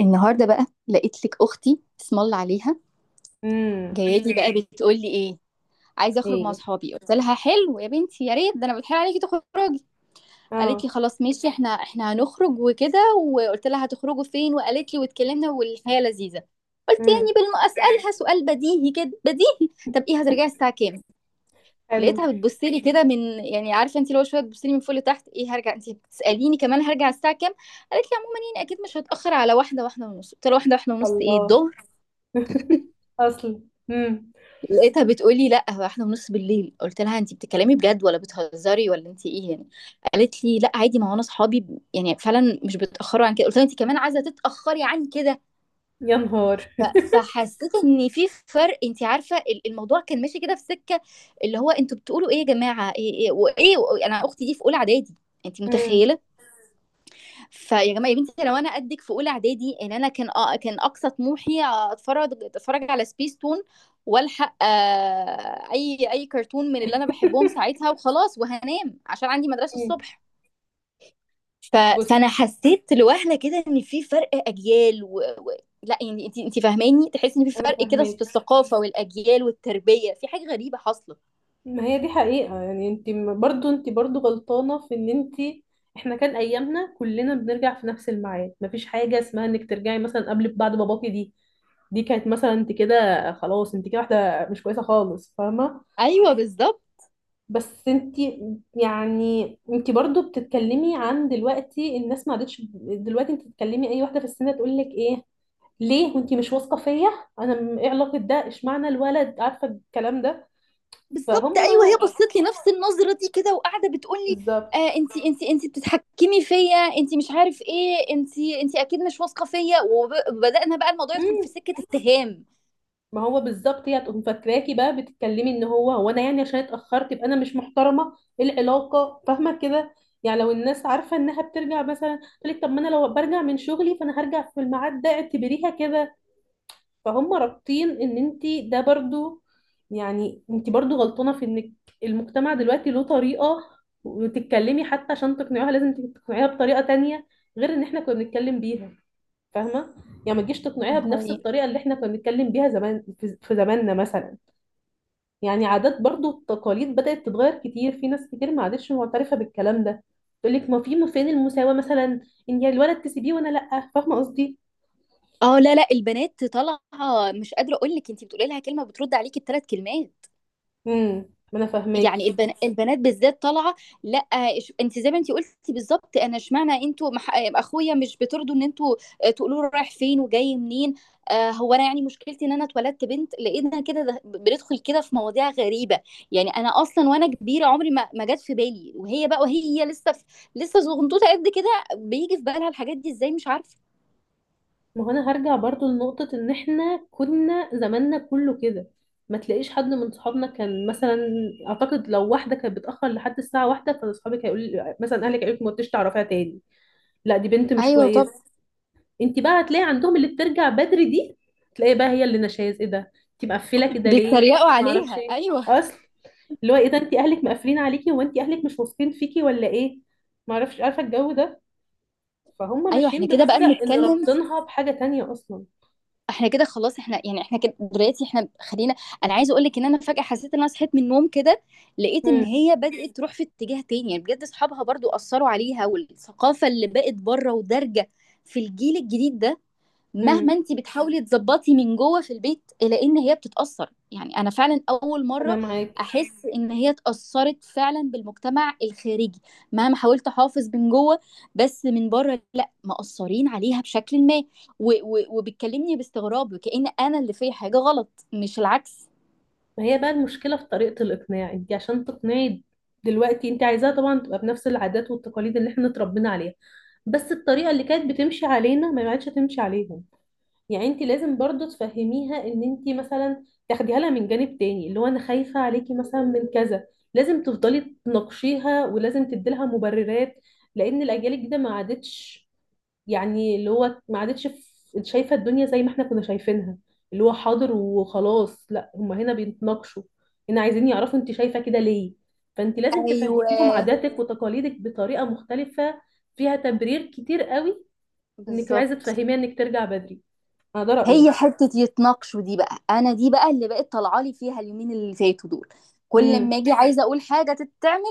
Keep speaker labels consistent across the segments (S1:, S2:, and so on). S1: النهارده بقى لقيت لك اختي، اسم الله عليها،
S2: امم.
S1: جايه لي بقى، بتقول لي ايه؟ عايزه اخرج مع
S2: ايه.
S1: اصحابي. قلت لها حلو يا بنتي، يا ريت، ده انا بتحايل عليكي تخرجي. قالت لي
S2: اه.
S1: خلاص ماشي، احنا هنخرج وكده. وقلت لها هتخرجوا فين، وقالت لي، واتكلمنا والحياه لذيذه. قلت
S2: امم.
S1: يعني بالم اسالها سؤال بديهي كده، بديهي، طب ايه هترجعي الساعه كام؟
S2: حلو.
S1: لقيتها بتبص لي كده من، يعني عارفه، انت لو شويه بتبص لي من فوق لتحت، ايه هرجع؟ انت بتساليني كمان هرجع الساعه كام؟ قالت لي عموما، يعني اكيد مش هتاخر على واحده ونص. قلت لها واحده ونص، ايه
S2: الله.
S1: الظهر؟
S2: اصل امم.
S1: لقيتها بتقولي لا هو احنا ونص بالليل. قلت لها انت بتتكلمي بجد ولا بتهزري، ولا انت ايه يعني؟ قالت لي لا عادي، ما هو انا اصحابي يعني فعلا مش بيتاخروا عن كده. قلت لها انت كمان عايزه تتاخري عن كده؟
S2: يا نهار.
S1: ف- فحسيت ان في فرق. انت عارفه الموضوع كان ماشي كده في سكه. اللي هو انتوا بتقولوا ايه يا جماعه، ايه ايه وايه، انا اختي دي في اولى اعدادي. انت
S2: امم.
S1: متخيله! فيا جماعه، يا بنتي لو انا قدك في اولى اعدادي، ان انا كان كان اقصى طموحي اتفرج على سبيس تون. والحق، اي كرتون من اللي انا بحبهم ساعتها، وخلاص وهنام عشان عندي مدرسه
S2: مم.
S1: الصبح. ف...
S2: بص،
S1: فانا حسيت لوهله كده ان في فرق اجيال. لا يعني، انت فاهماني، تحسي ان في
S2: انا
S1: فرق كده في
S2: فاهماك.
S1: الثقافه والاجيال والتربيه، في حاجه غريبه حاصله.
S2: ما هي دي حقيقة. يعني انت برضو انت برضو غلطانة في ان انت. احنا كان ايامنا كلنا بنرجع في نفس الميعاد، مفيش حاجة اسمها انك ترجعي مثلا قبل بعد باباكي دي. دي كانت مثلا، انت كده خلاص، انت كده واحدة مش كويسة خالص، فاهمة؟
S1: ايوه، بالظبط.
S2: بس انتي، يعني انتي برضو بتتكلمي عن دلوقتي. الناس ما عادتش. دلوقتي انتي بتتكلمي اي واحده في السن تقول لك ايه؟ ليه وانتي مش واثقه فيا؟ انا ايه علاقه ده؟ اشمعنى الولد عارفه الكلام ده؟
S1: بالظبط،
S2: فهم.
S1: ايوه، هي بصت لي نفس النظره دي كده، وقاعده بتقول لي:
S2: بالظبط.
S1: آه انت بتتحكمي فيا، انت مش عارف ايه، انت اكيد مش واثقه فيا، وبدانا بقى الموضوع يدخل في
S2: مم.
S1: سكه اتهام.
S2: ما هو بالظبط، هي هتقوم فاكراكي بقى بتتكلمي ان هو انا، يعني عشان اتاخرت يبقى انا مش محترمه. ايه العلاقه؟ فاهمه كده؟ يعني لو الناس عارفه انها بترجع مثلا، تقول لك طب ما انا لو برجع من شغلي فانا هرجع في الميعاد ده، اعتبريها كده. فهم رابطين ان انت. ده برضو، يعني انت برضو غلطانه في انك. المجتمع دلوقتي له طريقه، وتتكلمي حتى. عشان تقنعيها لازم تقنعيها بطريقه تانية غير ان احنا كنا بنتكلم بيها، فاهمه؟ يعني ما تجيش تقنعيها
S1: هاي
S2: بنفس
S1: يعني.
S2: الطريقه اللي احنا كنا بنتكلم بيها زمان في زماننا مثلا. يعني عادات برضو، التقاليد بدات تتغير كتير، في ناس كتير ما عادتش معترفه بالكلام ده. تقول لك ما فين المساواه مثلا، ان يا الولد تسيبيه وانا لا، فاهمه قصدي؟
S1: اه، لا لا، البنات طالعه. مش قادره اقول لك، انت بتقولي لها كلمه بترد عليكي بثلاث كلمات.
S2: امم. ما انا
S1: يعني
S2: فاهماكي.
S1: البنات بالذات طالعه. لا انت زي ما انت قلتي بالظبط، انا اشمعنى انتوا اخويا مش بترضوا ان انتوا تقولوا له رايح فين وجاي منين؟ آه هو انا، يعني مشكلتي ان انا اتولدت بنت لقينا كده. بندخل كده في مواضيع غريبه. يعني انا اصلا وانا كبيره عمري ما جت في بالي، وهي بقى وهي لسه لسه صغنطوطه قد كده بيجي في بالها الحاجات دي ازاي، مش عارفه.
S2: ما هو انا هرجع برضو لنقطة ان احنا كنا زماننا كله كده، ما تلاقيش حد من صحابنا كان مثلا. اعتقد لو واحدة كانت بتأخر لحد الساعة واحدة، فاصحابك هيقول مثلا، اهلك هيقولك ما تقدريش تعرفيها تاني، لا دي بنت مش
S1: ايوه طب.
S2: كويسة. انت بقى هتلاقي عندهم اللي بترجع بدري دي، تلاقي بقى هي اللي نشاز. ايه ده؟ انت مقفلة كده ليه؟
S1: بيتريقوا
S2: ما اعرفش
S1: عليها،
S2: ايه.
S1: ايوه.
S2: اصل. اللي هو ايه ده؟ انت اهلك مقفلين عليكي؟ هو انت اهلك مش واثقين فيكي ولا ايه؟ ما اعرفش. عارفة الجو ده؟ فهم
S1: ايوه، احنا
S2: ماشيين
S1: كده بقى
S2: بمبدأ ان
S1: بنتكلم.
S2: رابطينها بحاجة تانية اصلا.
S1: إحنا كده خلاص، إحنا يعني، إحنا كده دلوقتي إحنا خلينا. أنا عايزة أقول لِك إن أنا فجأة حسيت إن أنا صحيت من النوم كده. لقيت إن هي بدأت تروح في اتجاه تاني. يعني بجد أصحابها برضو أثروا عليها، والثقافة اللي بقت بره ودارجة في الجيل الجديد ده. مهما
S2: امم.
S1: انت بتحاولي تظبطي من جوه في البيت، الا ان هي بتتاثر. يعني انا فعلا اول
S2: انا
S1: مره
S2: معاكي.
S1: احس ان هي اتاثرت فعلا بالمجتمع الخارجي. مهما حاولت احافظ من جوه، بس من بره لا، مقصرين عليها بشكل ما. و- وبتكلمني باستغراب، وكأن انا اللي في حاجه غلط مش العكس.
S2: ما هي بقى المشكله في طريقه الاقناع. انت عشان تقنعي دلوقتي، انت عايزاها طبعا تبقى بنفس العادات والتقاليد اللي احنا اتربينا عليها، بس الطريقه اللي كانت بتمشي علينا ما عادش تمشي عليهم. يعني انت لازم برضو تفهميها، ان انت مثلا تاخديها لها من جانب تاني اللي هو انا خايفه عليكي مثلا من كذا. لازم تفضلي تناقشيها، ولازم تدي لها مبررات، لان الاجيال الجديده ما عادتش، يعني اللي هو ما عادتش شايفة الدنيا زي ما احنا كنا شايفينها، اللي هو حاضر وخلاص. لا هما هنا بيتناقشوا، هنا عايزين يعرفوا انت شايفة كده ليه. فانت لازم
S1: ايوه،
S2: تفهميهم عاداتك وتقاليدك بطريقة مختلفة فيها تبرير كتير قوي، انك عايزة
S1: بالظبط.
S2: تفهميها انك ترجع بدري. انا ده
S1: هي
S2: رأيي.
S1: حتة يتناقشوا دي بقى، انا دي بقى اللي بقت طالعه لي فيها اليومين اللي فاتوا دول. كل ما
S2: امم.
S1: اجي عايزه اقول حاجه تتعمل،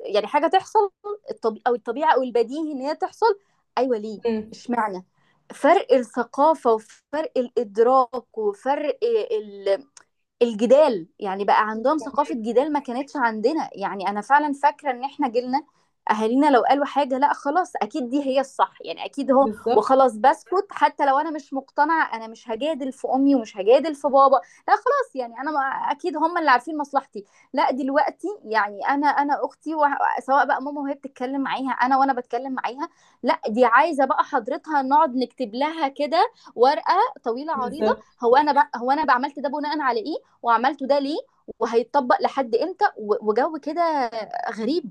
S1: يعني حاجه تحصل، الطبي او الطبيعه او البديهي ان هي تحصل، ايوه ليه،
S2: امم.
S1: اشمعنى؟ فرق الثقافه وفرق الادراك وفرق ال الجدال. يعني بقى عندهم ثقافة جدال ما كانتش عندنا. يعني أنا فعلا فاكرة إن إحنا جيلنا، أهالينا لو قالوا حاجة، لا خلاص أكيد دي هي الصح، يعني أكيد هو.
S2: بالظبط.
S1: وخلاص بسكت حتى لو أنا مش مقتنعة، أنا مش هجادل في أمي ومش هجادل في بابا. لا خلاص، يعني أنا أكيد هم اللي عارفين مصلحتي. لا دلوقتي، يعني أنا أختي سواء بقى ماما وهي بتتكلم معاها، أنا وأنا بتكلم معاها. لا دي عايزة بقى حضرتها نقعد نكتب لها كده ورقة طويلة عريضة.
S2: بالظبط،
S1: هو أنا بقى عملت ده بناء على إيه، وعملته ده ليه، وهيتطبق لحد امتى، وجو كده غريب.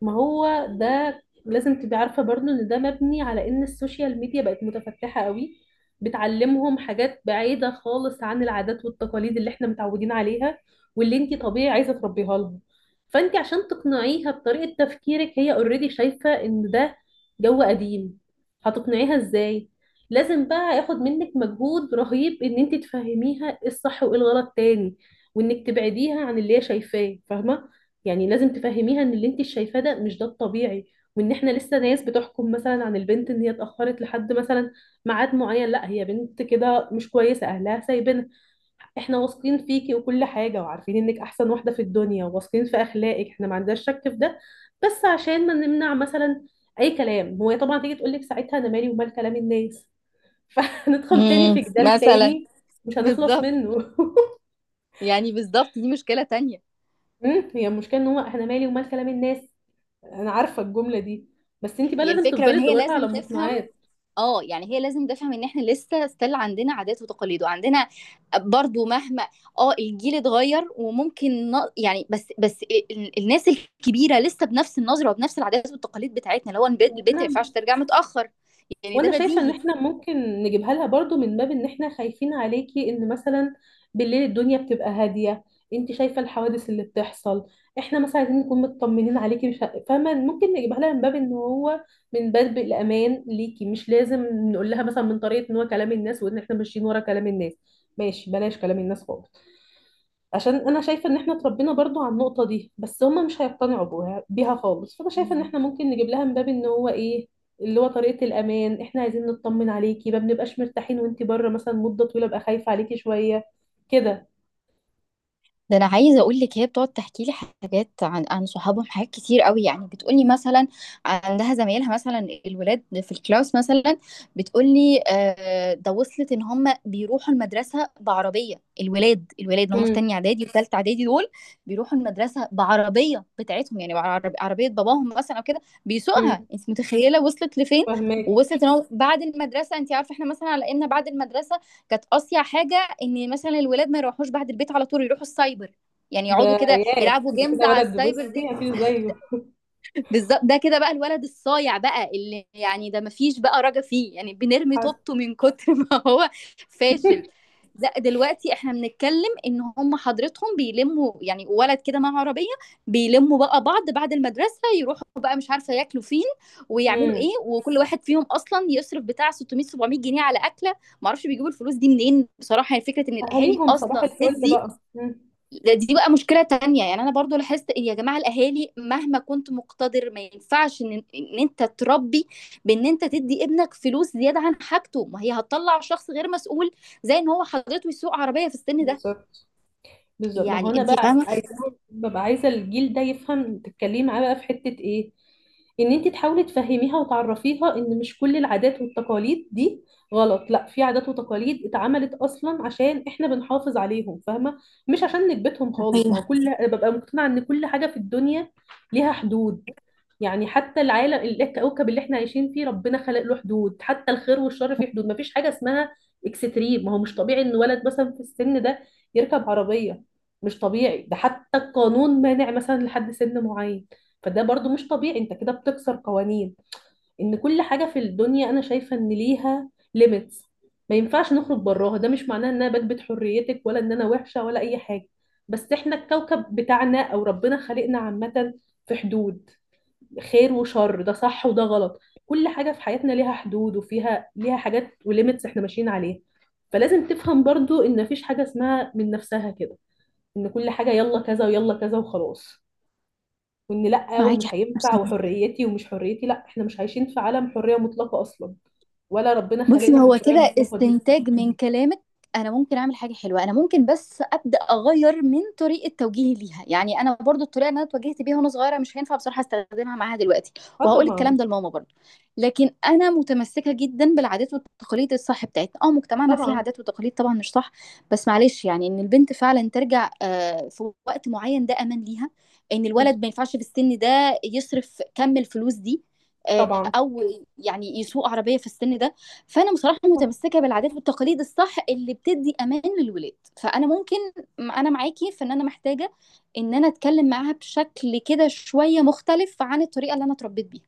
S2: ما هو ده لازم تبقي عارفة برضو ان ده مبني على ان السوشيال ميديا بقت متفتحة قوي، بتعلمهم حاجات بعيدة خالص عن العادات والتقاليد اللي احنا متعودين عليها واللي انتي طبيعي عايزة تربيها لهم. فانتي عشان تقنعيها بطريقة تفكيرك، هي اوريدي شايفة ان ده جو قديم، هتقنعيها ازاي؟ لازم بقى ياخد منك مجهود رهيب، ان انتي تفهميها ايه الصح وايه الغلط تاني، وانك تبعديها عن اللي هي شايفاه، فاهمة؟ يعني لازم تفهميها ان اللي انت شايفاه ده مش ده الطبيعي، وان احنا لسه ناس بتحكم مثلا عن البنت ان هي اتاخرت لحد مثلا ميعاد معين، لا هي بنت كده مش كويسه اهلها سايبينها. احنا واثقين فيكي وكل حاجه، وعارفين انك احسن واحده في الدنيا، وواثقين في اخلاقك، احنا ما عندناش شك في ده، بس عشان ما نمنع مثلا اي كلام. هو طبعا تيجي تقول لك ساعتها انا مالي ومال كلام الناس. فهندخل تاني في جدال
S1: مثلا.
S2: تاني مش هنخلص
S1: بالظبط،
S2: منه.
S1: يعني بالظبط دي مشكلة تانية.
S2: مم، هي المشكله ان هو احنا مالي ومال كلام الناس. انا عارفه الجمله دي، بس انت بقى
S1: هي
S2: لازم
S1: الفكرة ان
S2: تفضلي
S1: هي
S2: تدوري لها على
S1: لازم تفهم،
S2: مقنعات.
S1: اه يعني هي لازم تفهم ان احنا لسه ستيل عندنا عادات وتقاليد وعندنا، برضو مهما. اه الجيل اتغير وممكن يعني بس بس، الناس الكبيرة لسه بنفس النظرة وبنفس العادات والتقاليد بتاعتنا، اللي هو البنت البنت ما
S2: وانا
S1: ينفعش ترجع متأخر. يعني ده
S2: وانا شايفه ان
S1: بديهي.
S2: احنا ممكن نجيبها لها برضو من باب ان احنا خايفين عليكي، ان مثلا بالليل الدنيا بتبقى هاديه، انت شايفه الحوادث اللي بتحصل. احنا مثلا عايزين نكون مطمنين عليكي، مش فاهمه؟ ممكن نجيبها لها من باب ان هو، من باب الامان ليكي، مش لازم نقول لها مثلا من طريقه ان هو كلام الناس وان احنا ماشيين ورا كلام الناس. ماشي، بلاش كلام الناس خالص، عشان انا شايفه ان احنا اتربينا برضو على النقطه دي، بس هم مش هيقتنعوا بيها خالص. فانا شايفه ان احنا ممكن نجيب لها من باب ان هو ايه، اللي هو طريقه الامان، احنا عايزين نطمن عليكي، ما بنبقاش مرتاحين وانتي بره مثلا مده طويله، بقى خايفه عليكي شويه كده.
S1: ده انا عايزه اقول لك، هي بتقعد تحكي لي حاجات عن صحابهم، حاجات كتير قوي، يعني بتقولي مثلا. عندها زمايلها، مثلا الولاد في الكلاس مثلا. بتقولي آه، ده وصلت ان هم بيروحوا المدرسه بعربيه. الولاد الولاد اللي هم في
S2: امم.
S1: تانية اعدادي وثالثه اعدادي دول، بيروحوا المدرسه بعربيه بتاعتهم، يعني عربيه باباهم مثلا، او كده بيسوقها،
S2: امم.
S1: انت متخيله وصلت لفين؟
S2: فاهمك.
S1: ووصلت ان هو بعد المدرسه، انت عارفه احنا مثلا على ان بعد المدرسه كانت اصيع حاجه ان مثلا الولاد ما يروحوش بعد البيت على طول يروحوا السايبر. يعني
S2: ده
S1: يقعدوا كده
S2: ياه،
S1: يلعبوا
S2: ده
S1: جيمز
S2: كده
S1: على
S2: ولد
S1: السايبر
S2: بصي
S1: دي.
S2: مفيش زيه.
S1: بالظبط، ده كده بقى الولد الصايع بقى، اللي يعني ده مفيش بقى رجا فيه، يعني بنرمي
S2: حصل.
S1: طوبته من كتر ما هو فاشل. لا دلوقتي احنا بنتكلم ان هم حضرتهم بيلموا يعني ولد كده مع عربيه، بيلموا بقى بعض بعد المدرسه، يروحوا بقى مش عارفه ياكلوا فين ويعملوا
S2: امم.
S1: ايه، وكل واحد فيهم اصلا يصرف بتاع 600 700 جنيه على اكله. معرفش بيجيبوا الفلوس دي منين بصراحه، يعني فكره ان الاهالي
S2: اهاليهم صباح
S1: اصلا
S2: الفل
S1: تدي.
S2: بقى. امم.
S1: دي بقى مشكلة تانية. يعني أنا برضو لاحظت إن يا جماعة الأهالي، مهما كنت مقتدر، ما ينفعش إن أنت تربي، بإن أنت تدي ابنك فلوس زيادة عن حاجته، ما هي هتطلع شخص غير مسؤول، زي إن هو حضرته يسوق عربية في السن ده.
S2: بالظبط. بالظبط، ما هو
S1: يعني
S2: انا
S1: أنت
S2: بقى
S1: فاهمة؟
S2: عايزه، ببقى عايزه الجيل ده يفهم، تتكلمي معاه بقى في حته ايه، ان انت تحاولي تفهميها وتعرفيها ان مش كل العادات والتقاليد دي غلط. لا، في عادات وتقاليد اتعملت اصلا عشان احنا بنحافظ عليهم، فاهمه؟ مش عشان نكبتهم خالص. ما هو
S1: صحيح.
S2: كل ببقى مقتنعه ان كل حاجه في الدنيا ليها حدود. يعني حتى العالم، الكوكب اللي احنا عايشين فيه، ربنا خلق له حدود، حتى الخير والشر في حدود. ما فيش حاجه اسمها اكستريم. ما هو مش طبيعي ان ولد مثلا في السن ده يركب عربيه. مش طبيعي، ده حتى القانون مانع مثلا لحد سن معين. فده برضو مش طبيعي، انت كده بتكسر قوانين. ان كل حاجة في الدنيا انا شايفة ان ليها ليميتس، ما ينفعش نخرج براها. ده مش معناه ان انا بكبت حريتك، ولا ان انا وحشة، ولا اي حاجة. بس احنا الكوكب بتاعنا او ربنا خلقنا عامة في حدود، خير وشر، ده صح وده غلط. كل حاجة في حياتنا ليها حدود، وفيها ليها حاجات وليميتس احنا ماشيين عليها. فلازم تفهم برضو ان مفيش حاجة اسمها من نفسها كده، ان كل حاجه يلا كذا ويلا كذا وخلاص، وان لا
S1: معاكي
S2: ومش
S1: حق.
S2: هينفع وحريتي ومش حريتي. لا احنا مش عايشين في عالم حريه مطلقه اصلا، ولا ربنا
S1: بصي،
S2: خلقنا في
S1: هو
S2: الحريه
S1: كده
S2: المطلقه دي.
S1: استنتاج من كلامك، انا ممكن اعمل حاجه حلوه، انا ممكن بس ابدا اغير من طريقه توجيهي ليها. يعني انا برضو الطريقه اللي انا اتوجهت بيها وانا صغيره مش هينفع بصراحه استخدمها معاها دلوقتي.
S2: اه
S1: وهقول الكلام
S2: طبعا.
S1: ده لماما برضو. لكن انا متمسكه جدا بالعادات والتقاليد الصح بتاعتنا. اه مجتمعنا فيه
S2: طبعا.
S1: عادات وتقاليد طبعا مش صح. بس معلش، يعني ان البنت فعلا ترجع، في وقت معين ده امان ليها. ان الولد ما
S2: بالظبط.
S1: ينفعش في السن ده يصرف كم الفلوس دي. آه،
S2: طبعا.
S1: او يعني يسوق عربيه في السن ده. فانا بصراحه
S2: آه.
S1: متمسكه بالعادات والتقاليد الصح اللي بتدي امان للولاد. فانا ممكن، انا معاكي في ان انا محتاجه ان انا اتكلم معاها بشكل كده شويه مختلف عن الطريقه اللي انا اتربيت بيها.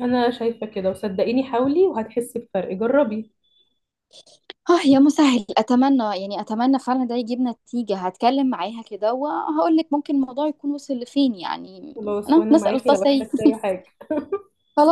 S2: انا شايفه كده، وصدقيني حاولي وهتحسي بفرق، جربي.
S1: اه، يا مسهل اتمنى، يعني اتمنى فعلا ده يجيب نتيجه. هتكلم معاها كده وهقول لك ممكن الموضوع يكون وصل لفين يعني.
S2: خلاص،
S1: انا
S2: وانا
S1: نسال
S2: معاكي لو
S1: التصيف.
S2: احتجتي اي حاجه.
S1: خلاص.